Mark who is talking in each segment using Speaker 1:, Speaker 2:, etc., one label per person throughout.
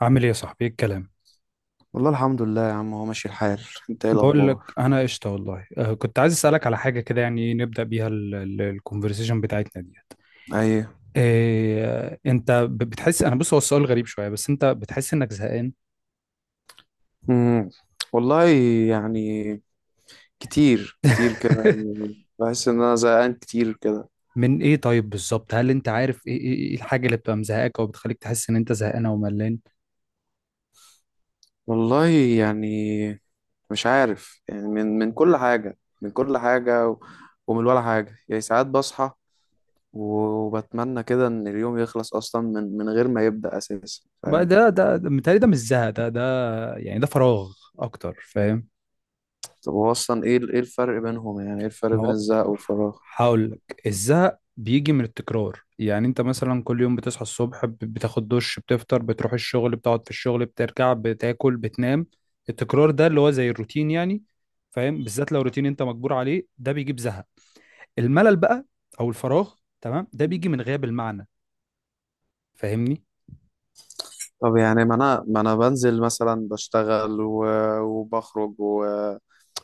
Speaker 1: عامل ايه يا صاحبي؟ ايه الكلام؟
Speaker 2: والله، الحمد لله يا عم، هو ماشي الحال. انت ايه
Speaker 1: بقول لك
Speaker 2: الاخبار؟
Speaker 1: انا قشطه والله. كنت عايز اسالك على حاجه كده، يعني نبدا بيها الكونفرسيشن بتاعتنا ديت.
Speaker 2: ايوه.
Speaker 1: إيه انت بتحس، انا بص، هو السؤال غريب شويه، بس انت بتحس انك زهقان؟
Speaker 2: امم والله، يعني كتير كتير كده، يعني بحس ان انا زهقان كتير كده.
Speaker 1: من ايه طيب بالظبط؟ هل انت عارف ايه ايه إيه الحاجه اللي بتبقى مزهقاك او بتخليك تحس ان انت زهقان او ملان؟
Speaker 2: والله يعني مش عارف، يعني من كل حاجه، ومن ولا حاجه. يعني ساعات بصحى وبتمنى كده ان اليوم يخلص اصلا من غير ما يبدا اساسا،
Speaker 1: بقى
Speaker 2: فاهم.
Speaker 1: ده ده متهيألي ده مش زهق ده. يعني ده فراغ اكتر، فاهم؟
Speaker 2: طب هو اصلا ايه ايه الفرق بينهم؟ يعني ايه الفرق
Speaker 1: ما
Speaker 2: بين
Speaker 1: هو
Speaker 2: الزهق والفراغ؟
Speaker 1: هقول لك، الزهق بيجي من التكرار. يعني انت مثلا كل يوم بتصحى الصبح، بتاخد دش، بتفطر، بتروح الشغل، بتقعد في الشغل، بترجع، بتاكل، بتنام. التكرار ده اللي هو زي الروتين يعني، فاهم؟ بالذات لو روتين انت مجبور عليه، ده بيجيب زهق. الملل بقى، او الفراغ، تمام، ده بيجي من غياب المعنى، فاهمني؟
Speaker 2: طب يعني ما انا بنزل مثلا بشتغل وبخرج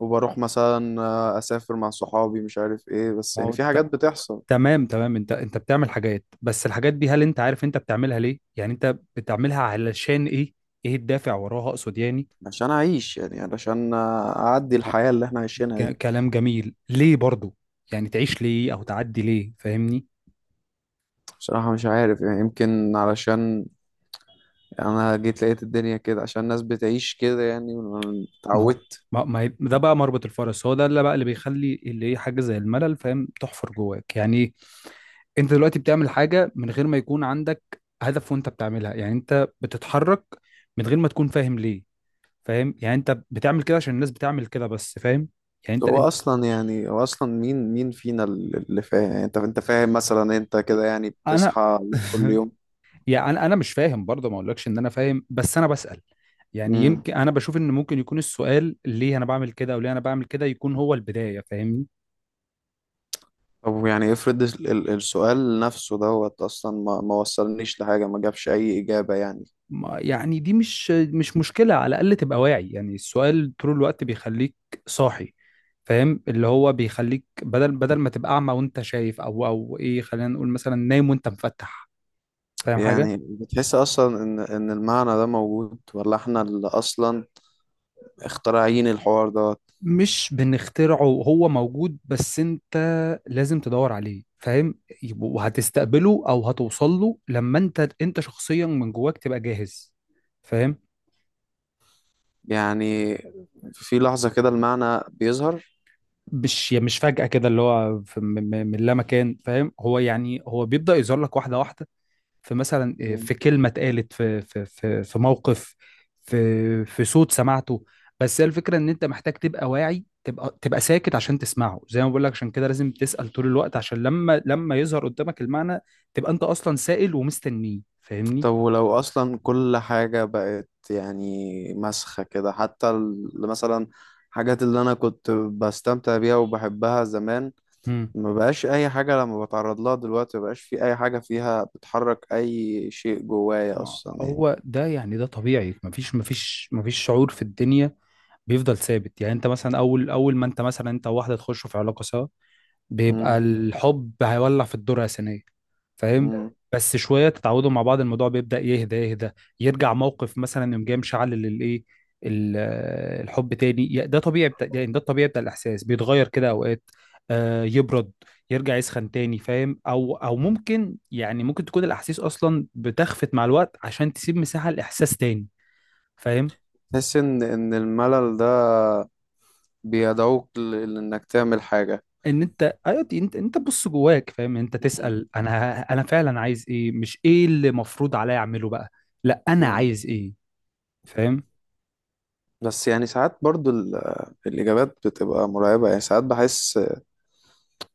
Speaker 2: وبروح مثلا، اسافر مع صحابي، مش عارف ايه، بس
Speaker 1: ما
Speaker 2: يعني
Speaker 1: هو
Speaker 2: في حاجات بتحصل.
Speaker 1: تمام تمام، انت بتعمل حاجات، بس الحاجات دي هل انت عارف انت بتعملها ليه؟ يعني انت بتعملها علشان ايه؟ ايه الدافع وراها اقصد يعني.
Speaker 2: عشان اعيش، يعني علشان اعدي الحياة اللي احنا عايشينها دي.
Speaker 1: كلام جميل، ليه برضو؟ يعني تعيش ليه او تعدي ليه، فاهمني؟
Speaker 2: بصراحة مش عارف، يعني يمكن علشان انا جيت لقيت الدنيا كده، عشان الناس بتعيش كده يعني،
Speaker 1: ما هو
Speaker 2: اتعودت.
Speaker 1: ما ما هي- ده بقى مربط الفرس، هو ده اللي بقى اللي بيخلي اللي هي حاجه زي الملل، فاهم، تحفر جواك يعني. انت دلوقتي بتعمل حاجه من غير ما يكون عندك هدف وانت بتعملها، يعني انت بتتحرك من غير ما تكون فاهم ليه. فاهم؟ يعني انت بتعمل كده عشان الناس بتعمل كده بس، فاهم؟ يعني انت
Speaker 2: هو
Speaker 1: انت
Speaker 2: اصلا يعني هو اصلا مين مين فينا اللي فاهم؟ يعني انت فاهم مثلا؟ انت كده يعني
Speaker 1: انا.
Speaker 2: بتصحى كل يوم؟
Speaker 1: يعني انا مش فاهم برضه، ما اقولكش ان انا فاهم، بس انا بسأل. يعني
Speaker 2: مم.
Speaker 1: يمكن انا بشوف ان ممكن يكون السؤال، ليه انا بعمل كده او ليه انا بعمل كده، يكون هو البداية، فاهمني؟
Speaker 2: طب يعني افرض السؤال نفسه دوت اصلا ما وصلنيش لحاجه، ما جابش اي اجابه يعني.
Speaker 1: يعني دي مش مشكلة، على الاقل تبقى واعي. يعني السؤال طول الوقت بيخليك صاحي، فاهم، اللي هو بيخليك بدل ما تبقى اعمى وانت شايف، او ايه، خلينا نقول مثلا نايم وانت مفتح، فاهم حاجة؟
Speaker 2: يعني بتحس اصلا ان المعنى ده موجود، ولا احنا اللي اصلا اخترعين الحوار دوت؟
Speaker 1: مش بنخترعه، هو موجود، بس انت لازم تدور عليه، فاهم؟ وهتستقبله او هتوصل له لما انت شخصيا من جواك تبقى جاهز، فاهم؟
Speaker 2: يعني في لحظه كده المعنى بيظهر؟
Speaker 1: مش يعني مش فجأة كده اللي هو في من لا مكان، فاهم. هو يعني هو بيبدأ يظهر لك واحدة واحدة. في مثلا،
Speaker 2: مم.
Speaker 1: في كلمة اتقالت في في موقف، في صوت سمعته. بس هي الفكرة ان انت محتاج تبقى واعي، تبقى ساكت عشان تسمعه. زي ما بقول لك، عشان كده لازم تسأل طول الوقت، عشان لما يظهر قدامك المعنى، تبقى انت اصلا سائل ومستنيه، فاهمني؟
Speaker 2: طب ولو اصلا كل حاجه بقت يعني مسخه كده، حتى مثلا حاجات اللي انا كنت بستمتع بيها وبحبها زمان،
Speaker 1: مم.
Speaker 2: ما بقاش اي حاجة لما بتعرض لها دلوقتي، ما بقاش في اي حاجة فيها بتحرك اي شيء جوايا
Speaker 1: ما
Speaker 2: اصلا يعني.
Speaker 1: هو ده يعني ده طبيعي، مفيش مفيش شعور في الدنيا بيفضل ثابت. يعني انت مثلا، اول ما انت مثلا انت وواحده تخشوا في علاقه سوا، بيبقى
Speaker 2: امم
Speaker 1: الحب هيولع في الذرة الثانية، فاهم.
Speaker 2: امم
Speaker 1: بس شوية تتعودوا مع بعض، الموضوع بيبدأ يهدى يهدى. يرجع موقف مثلا يوم جاي مشعل للإيه، ال- الحب تاني، ده طبيعي بتاع، يعني ده الطبيعي بتاع الإحساس بيتغير كده أوقات. آه، يبرد، يرجع يسخن تاني، فاهم؟ أو ممكن، يعني ممكن تكون الأحاسيس أصلا بتخفت مع الوقت عشان تسيب مساحة لإحساس تاني، فاهم؟
Speaker 2: تحس ان الملل ده بيدعوك لانك تعمل حاجة؟
Speaker 1: ان انت، ايوه، دي انت تبص جواك، فاهم، انت
Speaker 2: مم.
Speaker 1: تسأل انا فعلا عايز ايه، مش ايه اللي مفروض عليا اعمله بقى. لا، انا
Speaker 2: مم.
Speaker 1: عايز ايه، فاهم؟
Speaker 2: بس يعني ساعات برضو الإجابات بتبقى مرعبة، يعني ساعات بحس،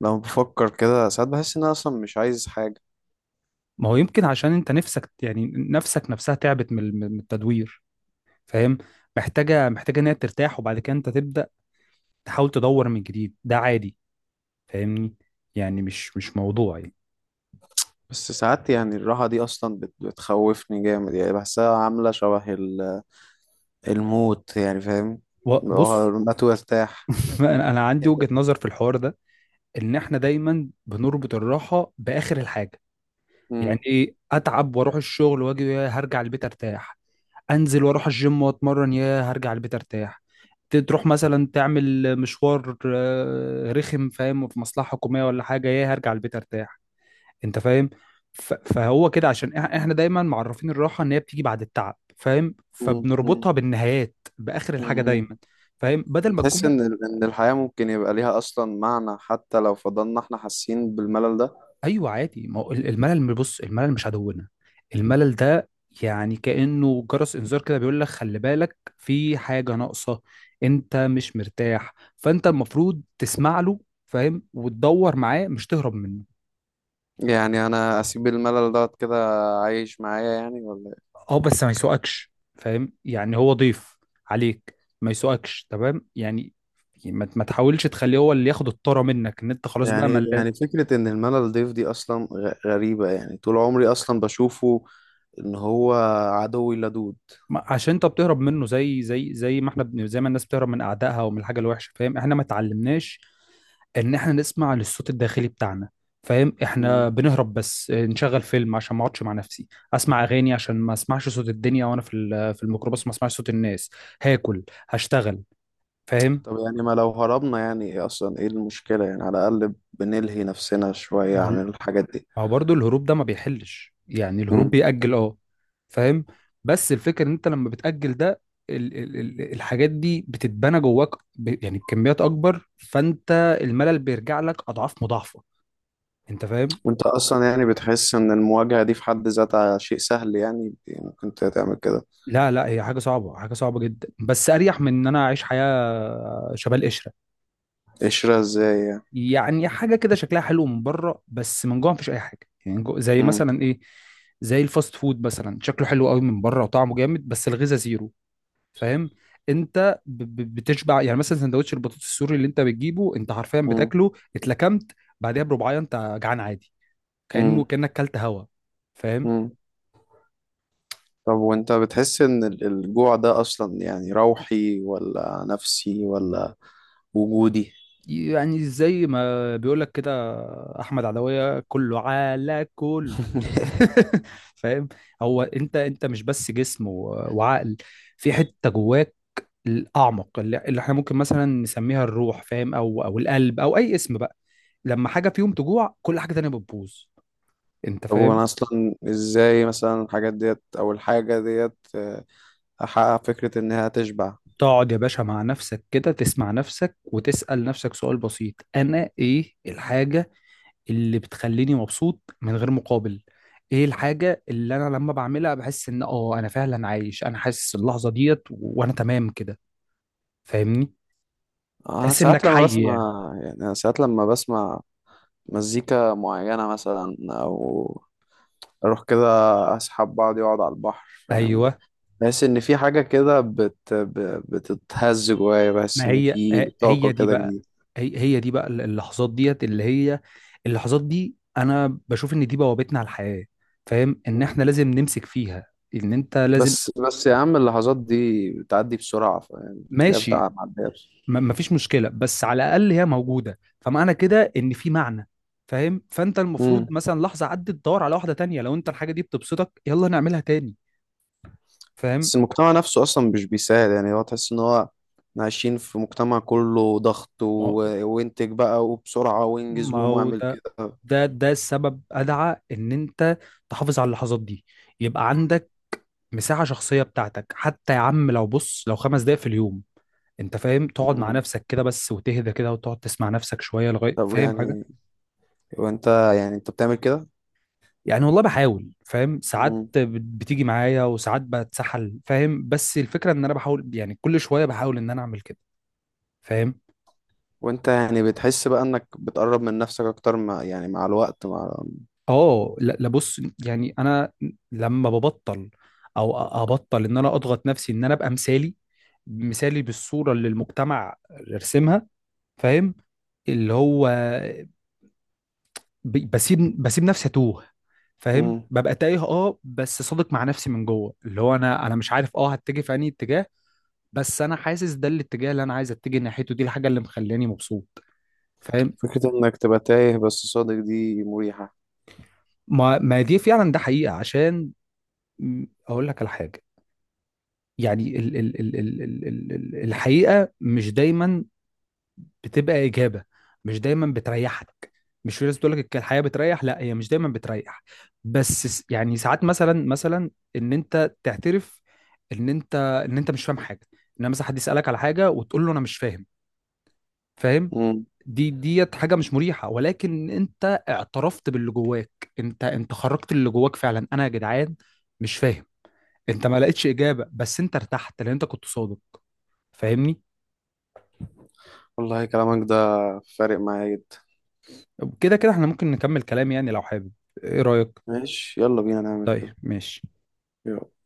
Speaker 2: لما بفكر كده ساعات بحس إن أنا أصلا مش عايز حاجة.
Speaker 1: ما هو يمكن عشان انت نفسك، يعني نفسك نفسها تعبت من من التدوير، فاهم. محتاجه ان هي ترتاح، وبعد كده انت تبدأ تحاول تدور من جديد، ده عادي، فاهمني. يعني مش موضوع يعني.
Speaker 2: بس ساعات يعني الراحة دي أصلا بتخوفني جامد، يعني بحسها عاملة شبه الموت يعني، فاهم، اللي هو
Speaker 1: بص.
Speaker 2: قوم هات وارتاح.
Speaker 1: انا، عندي وجهة نظر في الحوار ده، ان احنا دايما بنربط الراحه باخر الحاجه. يعني ايه؟ اتعب واروح الشغل واجي، يا هرجع البيت ارتاح. انزل واروح الجيم واتمرن، يا هرجع البيت ارتاح. تروح مثلا تعمل مشوار رخم، فاهم، في مصلحة حكومية ولا حاجة، يا هرجع البيت ارتاح، انت فاهم؟ فهو كده عشان احنا دايما معرفين الراحة ان هي بتيجي بعد التعب، فاهم،
Speaker 2: مم. مم.
Speaker 1: فبنربطها بالنهايات، باخر الحاجة
Speaker 2: مم.
Speaker 1: دايما، فاهم، بدل ما تكون.
Speaker 2: بتحس إن الحياة ممكن يبقى ليها أصلا معنى، حتى لو فضلنا إحنا حاسين بالملل ده؟
Speaker 1: ايوه عادي. ما هو الملل، بص، الملل مش عدونا. الملل ده يعني كأنه جرس انذار كده، بيقول لك خلي بالك، في حاجة ناقصة، انت مش مرتاح، فانت المفروض تسمع له، فاهم، وتدور معاه، مش تهرب منه.
Speaker 2: يعني أنا أسيب الملل ده كده عايش معايا يعني، ولا
Speaker 1: اه، بس ما يسوقكش، فاهم، يعني هو ضيف عليك، ما يسوقكش، تمام يعني. ما تحاولش تخليه هو اللي ياخد الطاره منك، ان انت
Speaker 2: إيه؟
Speaker 1: خلاص بقى
Speaker 2: يعني
Speaker 1: ملان.
Speaker 2: يعني فكرة إن الملل ضيف دي أصلا غريبة، يعني طول عمري أصلا بشوفه إن هو عدوي اللدود.
Speaker 1: عشان انت بتهرب منه زي زي ما احنا زي ما الناس بتهرب من اعدائها ومن الحاجه الوحشه، فاهم، احنا ما اتعلمناش ان احنا نسمع للصوت الداخلي بتاعنا، فاهم. احنا
Speaker 2: مم.
Speaker 1: بنهرب، بس نشغل فيلم عشان ما اقعدش مع نفسي، اسمع اغاني عشان ما اسمعش صوت الدنيا وانا في
Speaker 2: مم.
Speaker 1: الميكروباص، ما اسمعش صوت الناس، هاكل، هشتغل، فاهم.
Speaker 2: طب يعني ما لو هربنا، يعني إيه أصلا إيه المشكلة؟ يعني على الأقل بنلهي نفسنا شوية
Speaker 1: ما هو
Speaker 2: عن الحاجات
Speaker 1: برضه الهروب ده ما بيحلش، يعني
Speaker 2: دي.
Speaker 1: الهروب بيأجل، اه، فاهم. بس الفكرة ان انت لما بتأجل ده، ال الحاجات دي بتتبنى جواك يعني بكميات اكبر، فانت الملل بيرجع لك اضعاف مضاعفة، انت فاهم.
Speaker 2: وانت اصلا يعني بتحس ان المواجهة دي في حد ذاتها شيء سهل يعني؟ ممكن تعمل كده؟
Speaker 1: لا، لا، هي حاجة صعبة، حاجة صعبة جدا، بس أريح من إن أنا أعيش حياة شبه القشرة.
Speaker 2: قشرة ازاي يعني؟
Speaker 1: يعني حاجة كده شكلها حلو من بره بس من جوه مفيش أي حاجة. يعني جو زي
Speaker 2: مم.
Speaker 1: مثلا إيه، زي الفاست فود مثلا، شكله حلو قوي من بره وطعمه جامد، بس الغذاء زيرو، فاهم؟ أنت ب بتشبع، يعني مثلا سندوتش البطاطس السوري اللي أنت بتجيبه، أنت حرفيا
Speaker 2: مم.
Speaker 1: بتاكله اتلكمت، بعدها بربعاية أنت جعان عادي،
Speaker 2: مم.
Speaker 1: كأنك كلت هوا، فاهم.
Speaker 2: مم. طب وانت بتحس ان الجوع ده اصلا يعني روحي، ولا نفسي، ولا وجودي؟
Speaker 1: يعني زي ما بيقول لك كده، احمد عدويه، كله على كل. فاهم. هو انت مش بس جسم وعقل، في حته جواك الاعمق اللي احنا ممكن مثلا نسميها الروح، فاهم، او القلب، او اي اسم بقى. لما حاجه فيهم تجوع، كل حاجه تانية بتبوظ، انت
Speaker 2: طب
Speaker 1: فاهم.
Speaker 2: وانا اصلا ازاي مثلا الحاجات ديت، او الحاجة ديت احقق فكرة انها تشبع؟
Speaker 1: تقعد يا باشا مع نفسك كده، تسمع نفسك وتسأل نفسك سؤال بسيط، انا ايه الحاجه اللي بتخليني مبسوط من غير مقابل؟ ايه الحاجة اللي انا لما بعملها بحس ان، اه، انا فعلا عايش، انا حاسس اللحظة ديت، وانا تمام كده، فاهمني؟
Speaker 2: انا
Speaker 1: تحس
Speaker 2: ساعات
Speaker 1: انك
Speaker 2: لما
Speaker 1: حي، اه، يعني.
Speaker 2: بسمع يعني انا ساعات لما بسمع مزيكا معينة مثلا، او اروح كده اسحب بعضي واقعد على البحر، فاهم؟
Speaker 1: ايوه،
Speaker 2: بحس ان في حاجه كده بتتهز جوايا، بحس
Speaker 1: ما
Speaker 2: ان
Speaker 1: هي
Speaker 2: في طاقه
Speaker 1: هي دي
Speaker 2: كده
Speaker 1: بقى،
Speaker 2: جديده.
Speaker 1: هي دي بقى، اللحظات ديت اللي هي، اللحظات دي انا بشوف ان دي بوابتنا على الحياة، فاهم، ان
Speaker 2: مم.
Speaker 1: احنا لازم نمسك فيها، ان انت لازم.
Speaker 2: بس بس يا عم، اللحظات دي بتعدي بسرعة، يعني بتلاقيها
Speaker 1: ماشي،
Speaker 2: بتاع معدية.
Speaker 1: ما فيش مشكله، بس على الاقل هي موجوده، فمعنى كده ان في معنى، فاهم؟ فانت المفروض
Speaker 2: امم.
Speaker 1: مثلا، لحظه عدت تدور على واحده تانية، لو انت الحاجه دي بتبسطك يلا نعملها تاني، فاهم.
Speaker 2: بس المجتمع نفسه أصلا مش بيساعد، يعني هو تحس إن هو، إحنا عايشين في مجتمع كله ضغط
Speaker 1: ما هو
Speaker 2: وانتج بقى وبسرعة وانجز وقوم واعمل
Speaker 1: ده
Speaker 2: كده.
Speaker 1: ده السبب ادعى ان انت تحافظ على اللحظات دي، يبقى عندك مساحه شخصيه بتاعتك، حتى يا عم لو، بص، لو 5 دقايق في اليوم، انت فاهم، تقعد مع
Speaker 2: امم.
Speaker 1: نفسك كده بس، وتهدى كده، وتقعد تسمع نفسك شويه لغايه،
Speaker 2: طب
Speaker 1: فاهم.
Speaker 2: يعني، وانت، يعني انت بتعمل كده؟
Speaker 1: يعني والله بحاول، فاهم، ساعات بتيجي معايا وساعات بتسحل، فاهم، بس الفكرة ان انا بحاول، يعني كل شوية بحاول ان انا اعمل كده، فاهم.
Speaker 2: وانت يعني بتحس بقى انك بتقرب من نفسك اكتر، مع يعني مع الوقت، مع؟
Speaker 1: اه، لا، لا، بص، يعني انا لما ببطل، او ابطل ان انا اضغط نفسي ان انا ابقى مثالي، مثالي بالصورة اللي المجتمع رسمها، فاهم، اللي هو بسيب، نفسي اتوه، فاهم،
Speaker 2: مم.
Speaker 1: ببقى تايه، اه، بس صادق مع نفسي من جوه، اللي هو انا، مش عارف، اه، هتجه في انهي اتجاه، بس انا حاسس ده الاتجاه اللي انا عايز اتجه ناحيته، دي الحاجه اللي مخلاني مبسوط، فاهم.
Speaker 2: فكرة انك تبقى تايه بس صادق دي مريحة.
Speaker 1: ما دي فعلا ده حقيقه، عشان، اقول لك على حاجه، يعني ال الحقيقه مش دايما بتبقى اجابه، مش دايما بتريحك. مش في ناس بتقول لك الحياه بتريح، لا، هي مش دايما بتريح، بس يعني ساعات مثلا، ان انت تعترف ان انت، ان انت مش فاهم حاجه، ان مثلا حد يسالك على حاجه وتقول له انا مش فاهم، فاهم؟
Speaker 2: مم.
Speaker 1: دي ديت حاجه مش مريحه، ولكن انت اعترفت باللي جواك، انت خرجت اللي جواك فعلا، انا يا جدعان مش فاهم. انت ما لقيتش اجابه، بس انت ارتحت لان انت كنت صادق، فاهمني؟
Speaker 2: والله كلامك ده فارق معايا جدا.
Speaker 1: كده كده احنا ممكن نكمل كلام يعني، لو حابب، ايه رايك؟
Speaker 2: ماشي، يلا بينا نعمل كده.
Speaker 1: طيب، ماشي.
Speaker 2: يلا.